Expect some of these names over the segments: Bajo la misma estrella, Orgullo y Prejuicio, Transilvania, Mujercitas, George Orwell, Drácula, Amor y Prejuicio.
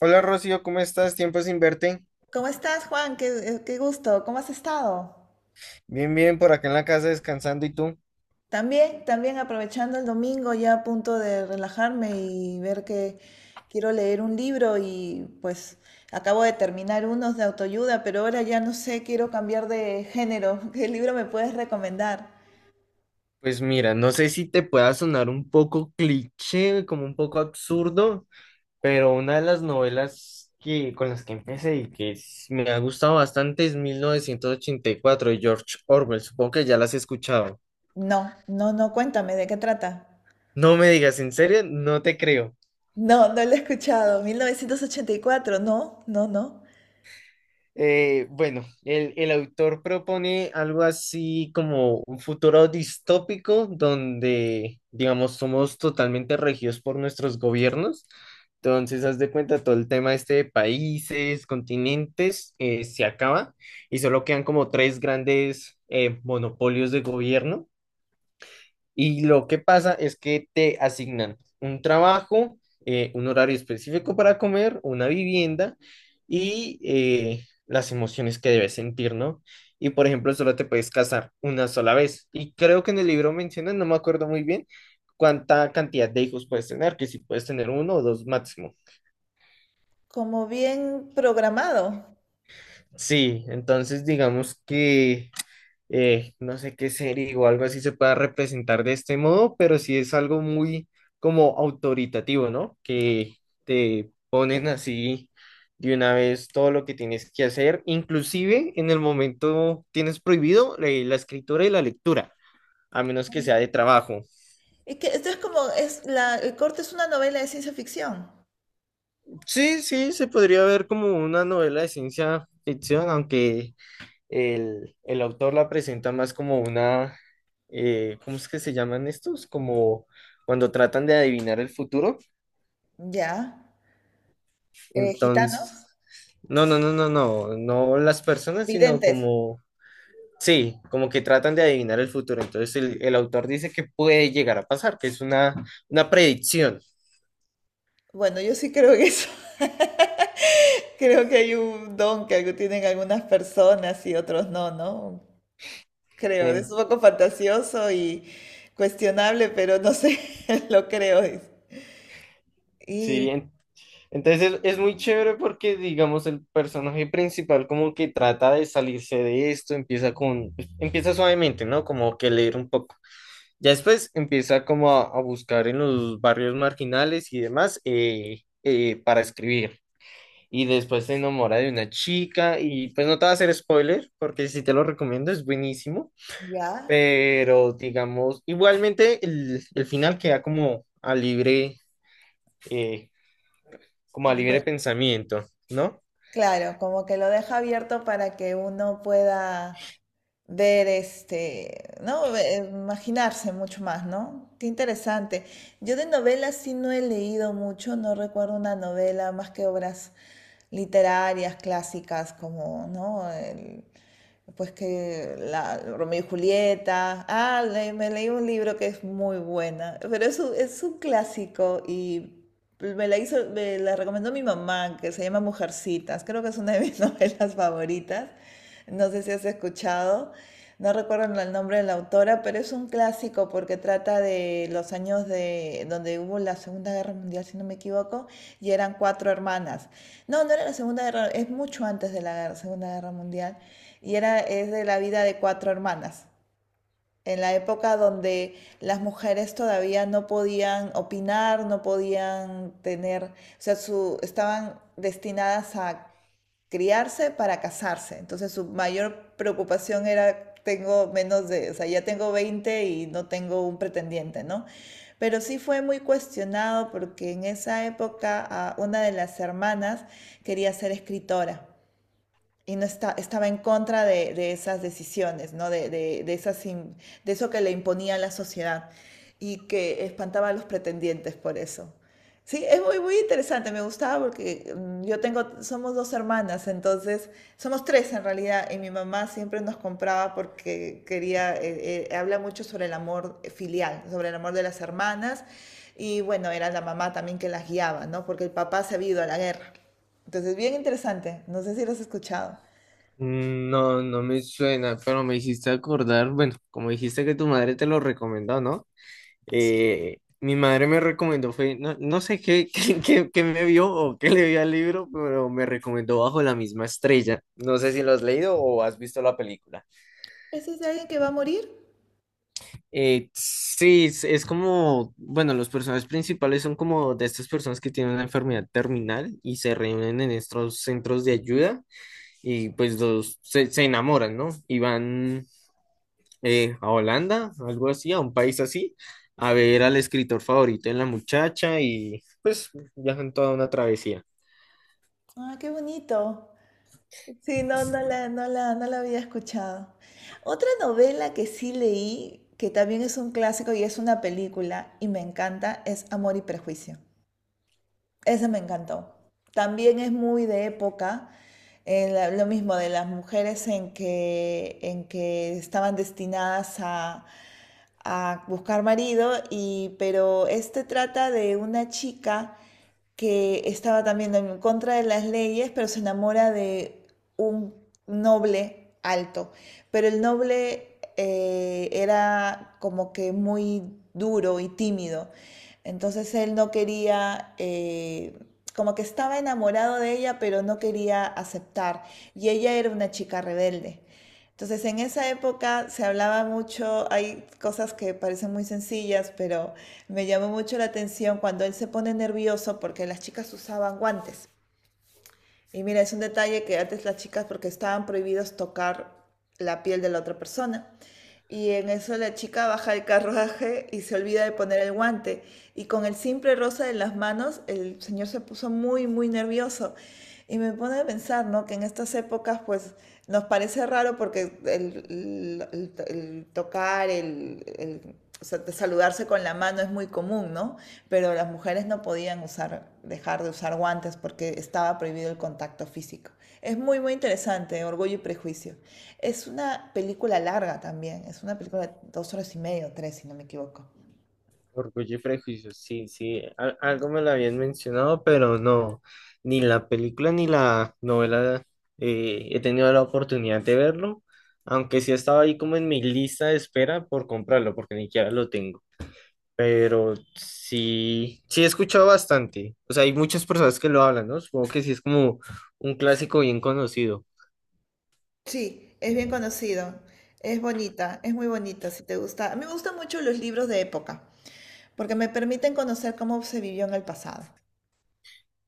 Hola Rocío, ¿cómo estás? Tiempo sin verte. ¿Cómo estás, Juan? Qué gusto. ¿Cómo has estado? Bien, bien, por acá en la casa descansando. ¿Y tú? También aprovechando el domingo, ya a punto de relajarme y ver que quiero leer un libro. Y pues acabo de terminar unos de autoayuda, pero ahora ya no sé, quiero cambiar de género. ¿Qué libro me puedes recomendar? Pues mira, no sé si te pueda sonar un poco cliché, como un poco absurdo, pero una de las novelas con las que empecé y me ha gustado bastante es 1984 de George Orwell. Supongo que ya las has escuchado. No, no, no, cuéntame, ¿de qué trata? No me digas, ¿en serio? No te creo. No, no lo he escuchado. 1984. No, no, no. Bueno, el autor propone algo así como un futuro distópico donde, digamos, somos totalmente regidos por nuestros gobiernos. Entonces, haz de cuenta, todo el tema este de países, continentes, se acaba y solo quedan como tres grandes monopolios de gobierno. Y lo que pasa es que te asignan un trabajo, un horario específico para comer, una vivienda y las emociones que debes sentir, ¿no? Y por ejemplo, solo te puedes casar una sola vez. Y creo que en el libro mencionan, no me acuerdo muy bien, cuánta cantidad de hijos puedes tener, que si puedes tener uno o dos máximo. Como bien programado. Sí, entonces digamos que no sé qué serie o algo así se pueda representar de este modo, pero sí es algo muy como autoritativo, ¿no? Que te ponen así de una vez todo lo que tienes que hacer, inclusive en el momento tienes prohibido la escritura y la lectura, a menos que sea de trabajo. Es que esto es como, el corte es una novela de ciencia ficción. Sí, sí, se podría ver como una novela de ciencia ficción, aunque el autor la presenta más como una, ¿cómo es que se llaman estos? Como cuando tratan de adivinar el futuro. Ya. Eh, Entonces, gitanos, no, no, no, no, no, no las personas, sino videntes. como, sí, como que tratan de adivinar el futuro. Entonces, el autor dice que puede llegar a pasar, que es una predicción. Bueno, yo sí creo que eso. Creo que hay un don que algo tienen algunas personas y otros no, ¿no? Creo, es En, un poco fantasioso y cuestionable, pero no sé, lo creo. sí, Y en- Entonces es muy chévere porque, digamos, el personaje principal como que trata de salirse de esto, empieza con, pues, empieza suavemente, ¿no? Como que leer un poco. Ya después empieza como a buscar en los barrios marginales y demás para escribir. Y después se enamora de una chica y pues no te va a hacer spoiler porque si te lo recomiendo es buenísimo. ya, Pero digamos, igualmente el final queda eh, como a libre alguien- pensamiento, ¿no? claro, como que lo deja abierto para que uno pueda ver este, ¿no? Imaginarse mucho más, ¿no? Qué interesante. Yo de novelas sí no he leído mucho. No recuerdo una novela más que obras literarias clásicas, como, ¿no? Pues Romeo y Julieta. Ah, me leí un libro que es muy buena. Pero es un clásico y me la recomendó mi mamá, que se llama Mujercitas. Creo que es una de mis novelas favoritas. No sé si has escuchado. No recuerdo el nombre de la autora, pero es un clásico porque trata de los años de donde hubo la Segunda Guerra Mundial, si no me equivoco, y eran cuatro hermanas. No, no era la Segunda Guerra, es mucho antes de la Guerra- Segunda Guerra Mundial. Y era, es de la vida de cuatro hermanas, en la época donde las mujeres todavía no podían opinar, no podían tener, o sea, su, estaban destinadas a criarse para casarse. Entonces su mayor preocupación era, tengo menos de, o sea, ya tengo 20 y no tengo un pretendiente, ¿no? Pero sí fue muy cuestionado porque en esa época una de las hermanas quería ser escritora y no está, estaba en contra de esas decisiones, ¿no? De de eso que le imponía la sociedad y que espantaba a los pretendientes por eso. Sí, es muy, muy interesante, me gustaba porque yo tengo, somos dos hermanas, entonces, somos tres en realidad. Y mi mamá siempre nos compraba porque quería, habla mucho sobre el amor filial, sobre el amor de las hermanas. Y bueno, era la mamá también que las guiaba, ¿no? Porque el papá se había ido a la guerra. Entonces, bien interesante, no sé si lo has escuchado. No, no me suena, pero me hiciste acordar, bueno, como dijiste que tu madre te lo recomendó, ¿no? Mi madre me recomendó, fue, no, no sé qué, qué me vio o qué le vio al libro, pero me recomendó Bajo la misma estrella. No sé si lo has leído o has visto la película. ¿Ese es de alguien que va a morir? Sí, es como, bueno, los personajes principales son como de estas personas que tienen una enfermedad terminal y se reúnen en estos centros de ayuda y pues se enamoran, ¿no? Y van a Holanda, algo así, a un país así, a ver al escritor favorito en la muchacha y pues viajan toda una travesía. Ah, qué bonito. Sí, no, no la había escuchado. Otra novela que sí leí, que también es un clásico y es una película y me encanta, es Amor y Prejuicio. Esa me encantó. También es muy de época, lo mismo de las mujeres en que estaban destinadas a buscar marido, pero este trata de una chica que estaba también en contra de las leyes, pero se enamora de un noble alto, pero el noble era como que muy duro y tímido. Entonces él no quería, como que estaba enamorado de ella, pero no quería aceptar. Y ella era una chica rebelde. Entonces en esa época se hablaba mucho, hay cosas que parecen muy sencillas, pero me llamó mucho la atención cuando él se pone nervioso porque las chicas usaban guantes. Y mira, es un detalle que antes las chicas, porque estaban prohibidos tocar la piel de la otra persona. Y en eso la chica baja el carruaje y se olvida de poner el guante. Y con el simple rosa en las manos, el señor se puso muy, muy nervioso. Y me pone a pensar, ¿no? Que en estas épocas, pues, nos parece raro porque el tocar, el o sea, saludarse con la mano es muy común, ¿no? Pero las mujeres no podían usar, dejar de usar guantes porque estaba prohibido el contacto físico. Es muy, muy interesante, Orgullo y Prejuicio. Es una película larga también, es una película de 2 horas y media o tres, si no me equivoco. Orgullo y Prejuicio, sí, sí, algo me lo habían mencionado, pero no, ni la película ni la novela he tenido la oportunidad de verlo, aunque sí estaba ahí como en mi lista de espera por comprarlo, porque ni siquiera lo tengo. Pero sí, sí he escuchado bastante. O sea, hay muchas personas que lo hablan, ¿no? Supongo que sí es como un clásico bien conocido. Sí, es bien conocido, es bonita, es muy bonita, si te gusta. A mí me gustan mucho los libros de época, porque me permiten conocer cómo se vivió en el pasado,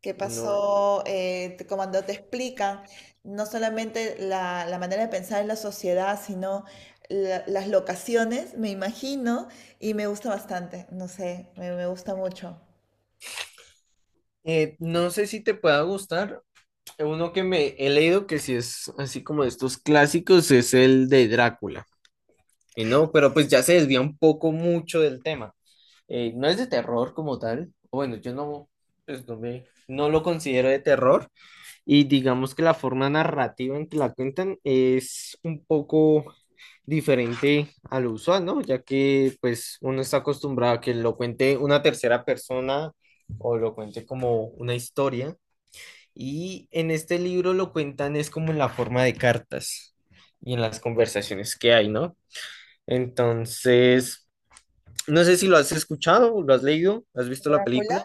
qué No, pasó. Cuando te explican no solamente la, la manera de pensar en la sociedad, sino las locaciones, me imagino, y me gusta bastante, no sé, me gusta mucho. No sé si te pueda gustar. Uno que me he leído que sí es así como de estos clásicos es el de Drácula. Y no, pero pues ya se desvía un poco mucho del tema. No es de terror como tal. O bueno, yo no, pues no lo considero de terror. Y digamos que la forma narrativa en que la cuentan es un poco diferente a lo usual, ¿no? Ya que pues uno está acostumbrado a que lo cuente una tercera persona o lo cuente como una historia. Y en este libro lo cuentan es como en la forma de cartas y en las conversaciones que hay, ¿no? Entonces, no sé si lo has escuchado, lo has leído, has visto la Drácula. película.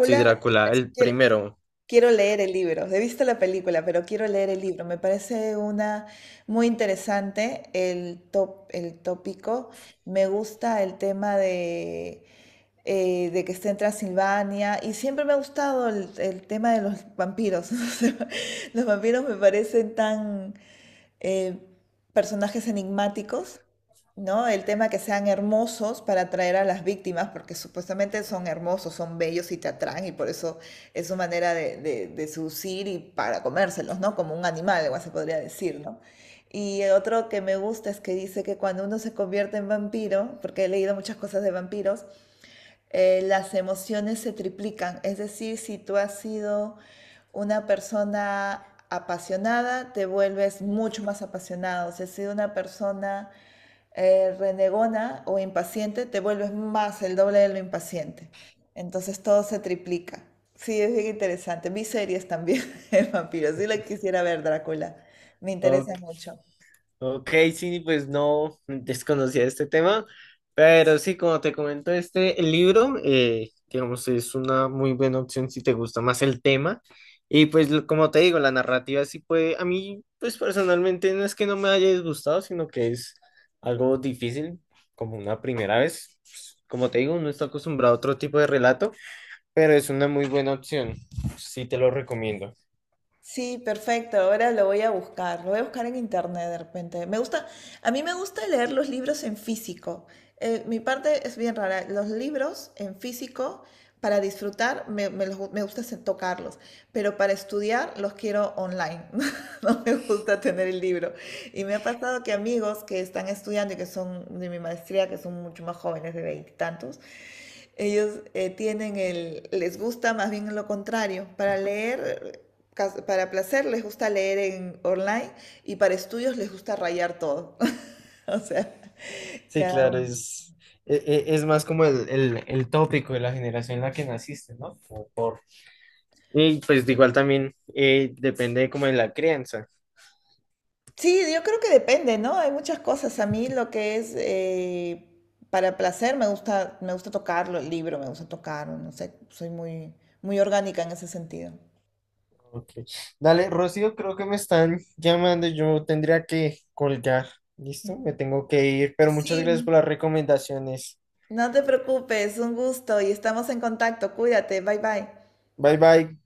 Sí, Drácula, el quiero, primero. quiero leer el libro. He visto la película, pero quiero leer el libro. Me parece una muy interesante el tópico. Me gusta el tema de de que esté en Transilvania. Y siempre me ha gustado el tema de los vampiros. O sea, los vampiros me parecen tan eh, personajes enigmáticos, ¿no? El tema que sean hermosos para atraer a las víctimas, porque supuestamente son hermosos, son bellos y te atraen, y por eso es su manera de, de seducir y para comérselos, ¿no? Como un animal, igual se podría decir, ¿no? Y otro que me gusta es que dice que cuando uno se convierte en vampiro, porque he leído muchas cosas de vampiros, las emociones se triplican. Es decir, si tú has sido una persona apasionada, te vuelves mucho más apasionado. Si has sido una persona renegona o impaciente, te vuelves más el doble de lo impaciente. Entonces todo se triplica. Sí, es bien interesante. Vi series también de vampiros. Sí la quisiera ver, Drácula. Me interesa Ok, mucho. ok, sí, pues no desconocía este tema, pero sí, como te comento, este libro, digamos, es una muy buena opción si te gusta más el tema. Y pues, como te digo, la narrativa sí puede, a mí, pues personalmente no es que no me haya disgustado, sino que es algo difícil, como una primera vez. Pues, como te digo, no está acostumbrado a otro tipo de relato, pero es una muy buena opción, sí te lo recomiendo. Sí, perfecto. Ahora lo voy a buscar. Lo voy a buscar en internet de repente. Me gusta, a mí me gusta leer los libros en físico. Mi parte es bien rara. Los libros en físico, para disfrutar, me gusta tocarlos. Pero para estudiar, los quiero online. No me gusta tener el libro. Y me ha pasado que amigos que están estudiando y que son de mi maestría, que son mucho más jóvenes, de veintitantos, ellos les gusta más bien lo contrario. Para leer, para placer les gusta leer en online y para estudios les gusta rayar todo. O sea, Sí, cada claro, uno. Es, más como el tópico de la generación en la que naciste, ¿no? Y pues de igual también depende como de la crianza. Sí, yo creo que depende, ¿no? Hay muchas cosas. A mí lo que es para placer me gusta, tocarlo, el libro me gusta tocar, no sé, soy muy, muy orgánica en ese sentido. Ok. Dale, Rocío, creo que me están llamando, yo tendría que colgar. ¿Listo? Me tengo que ir, pero muchas gracias Sí. por las recomendaciones. No te preocupes, un gusto y estamos en contacto. Cuídate, bye bye. Bye bye.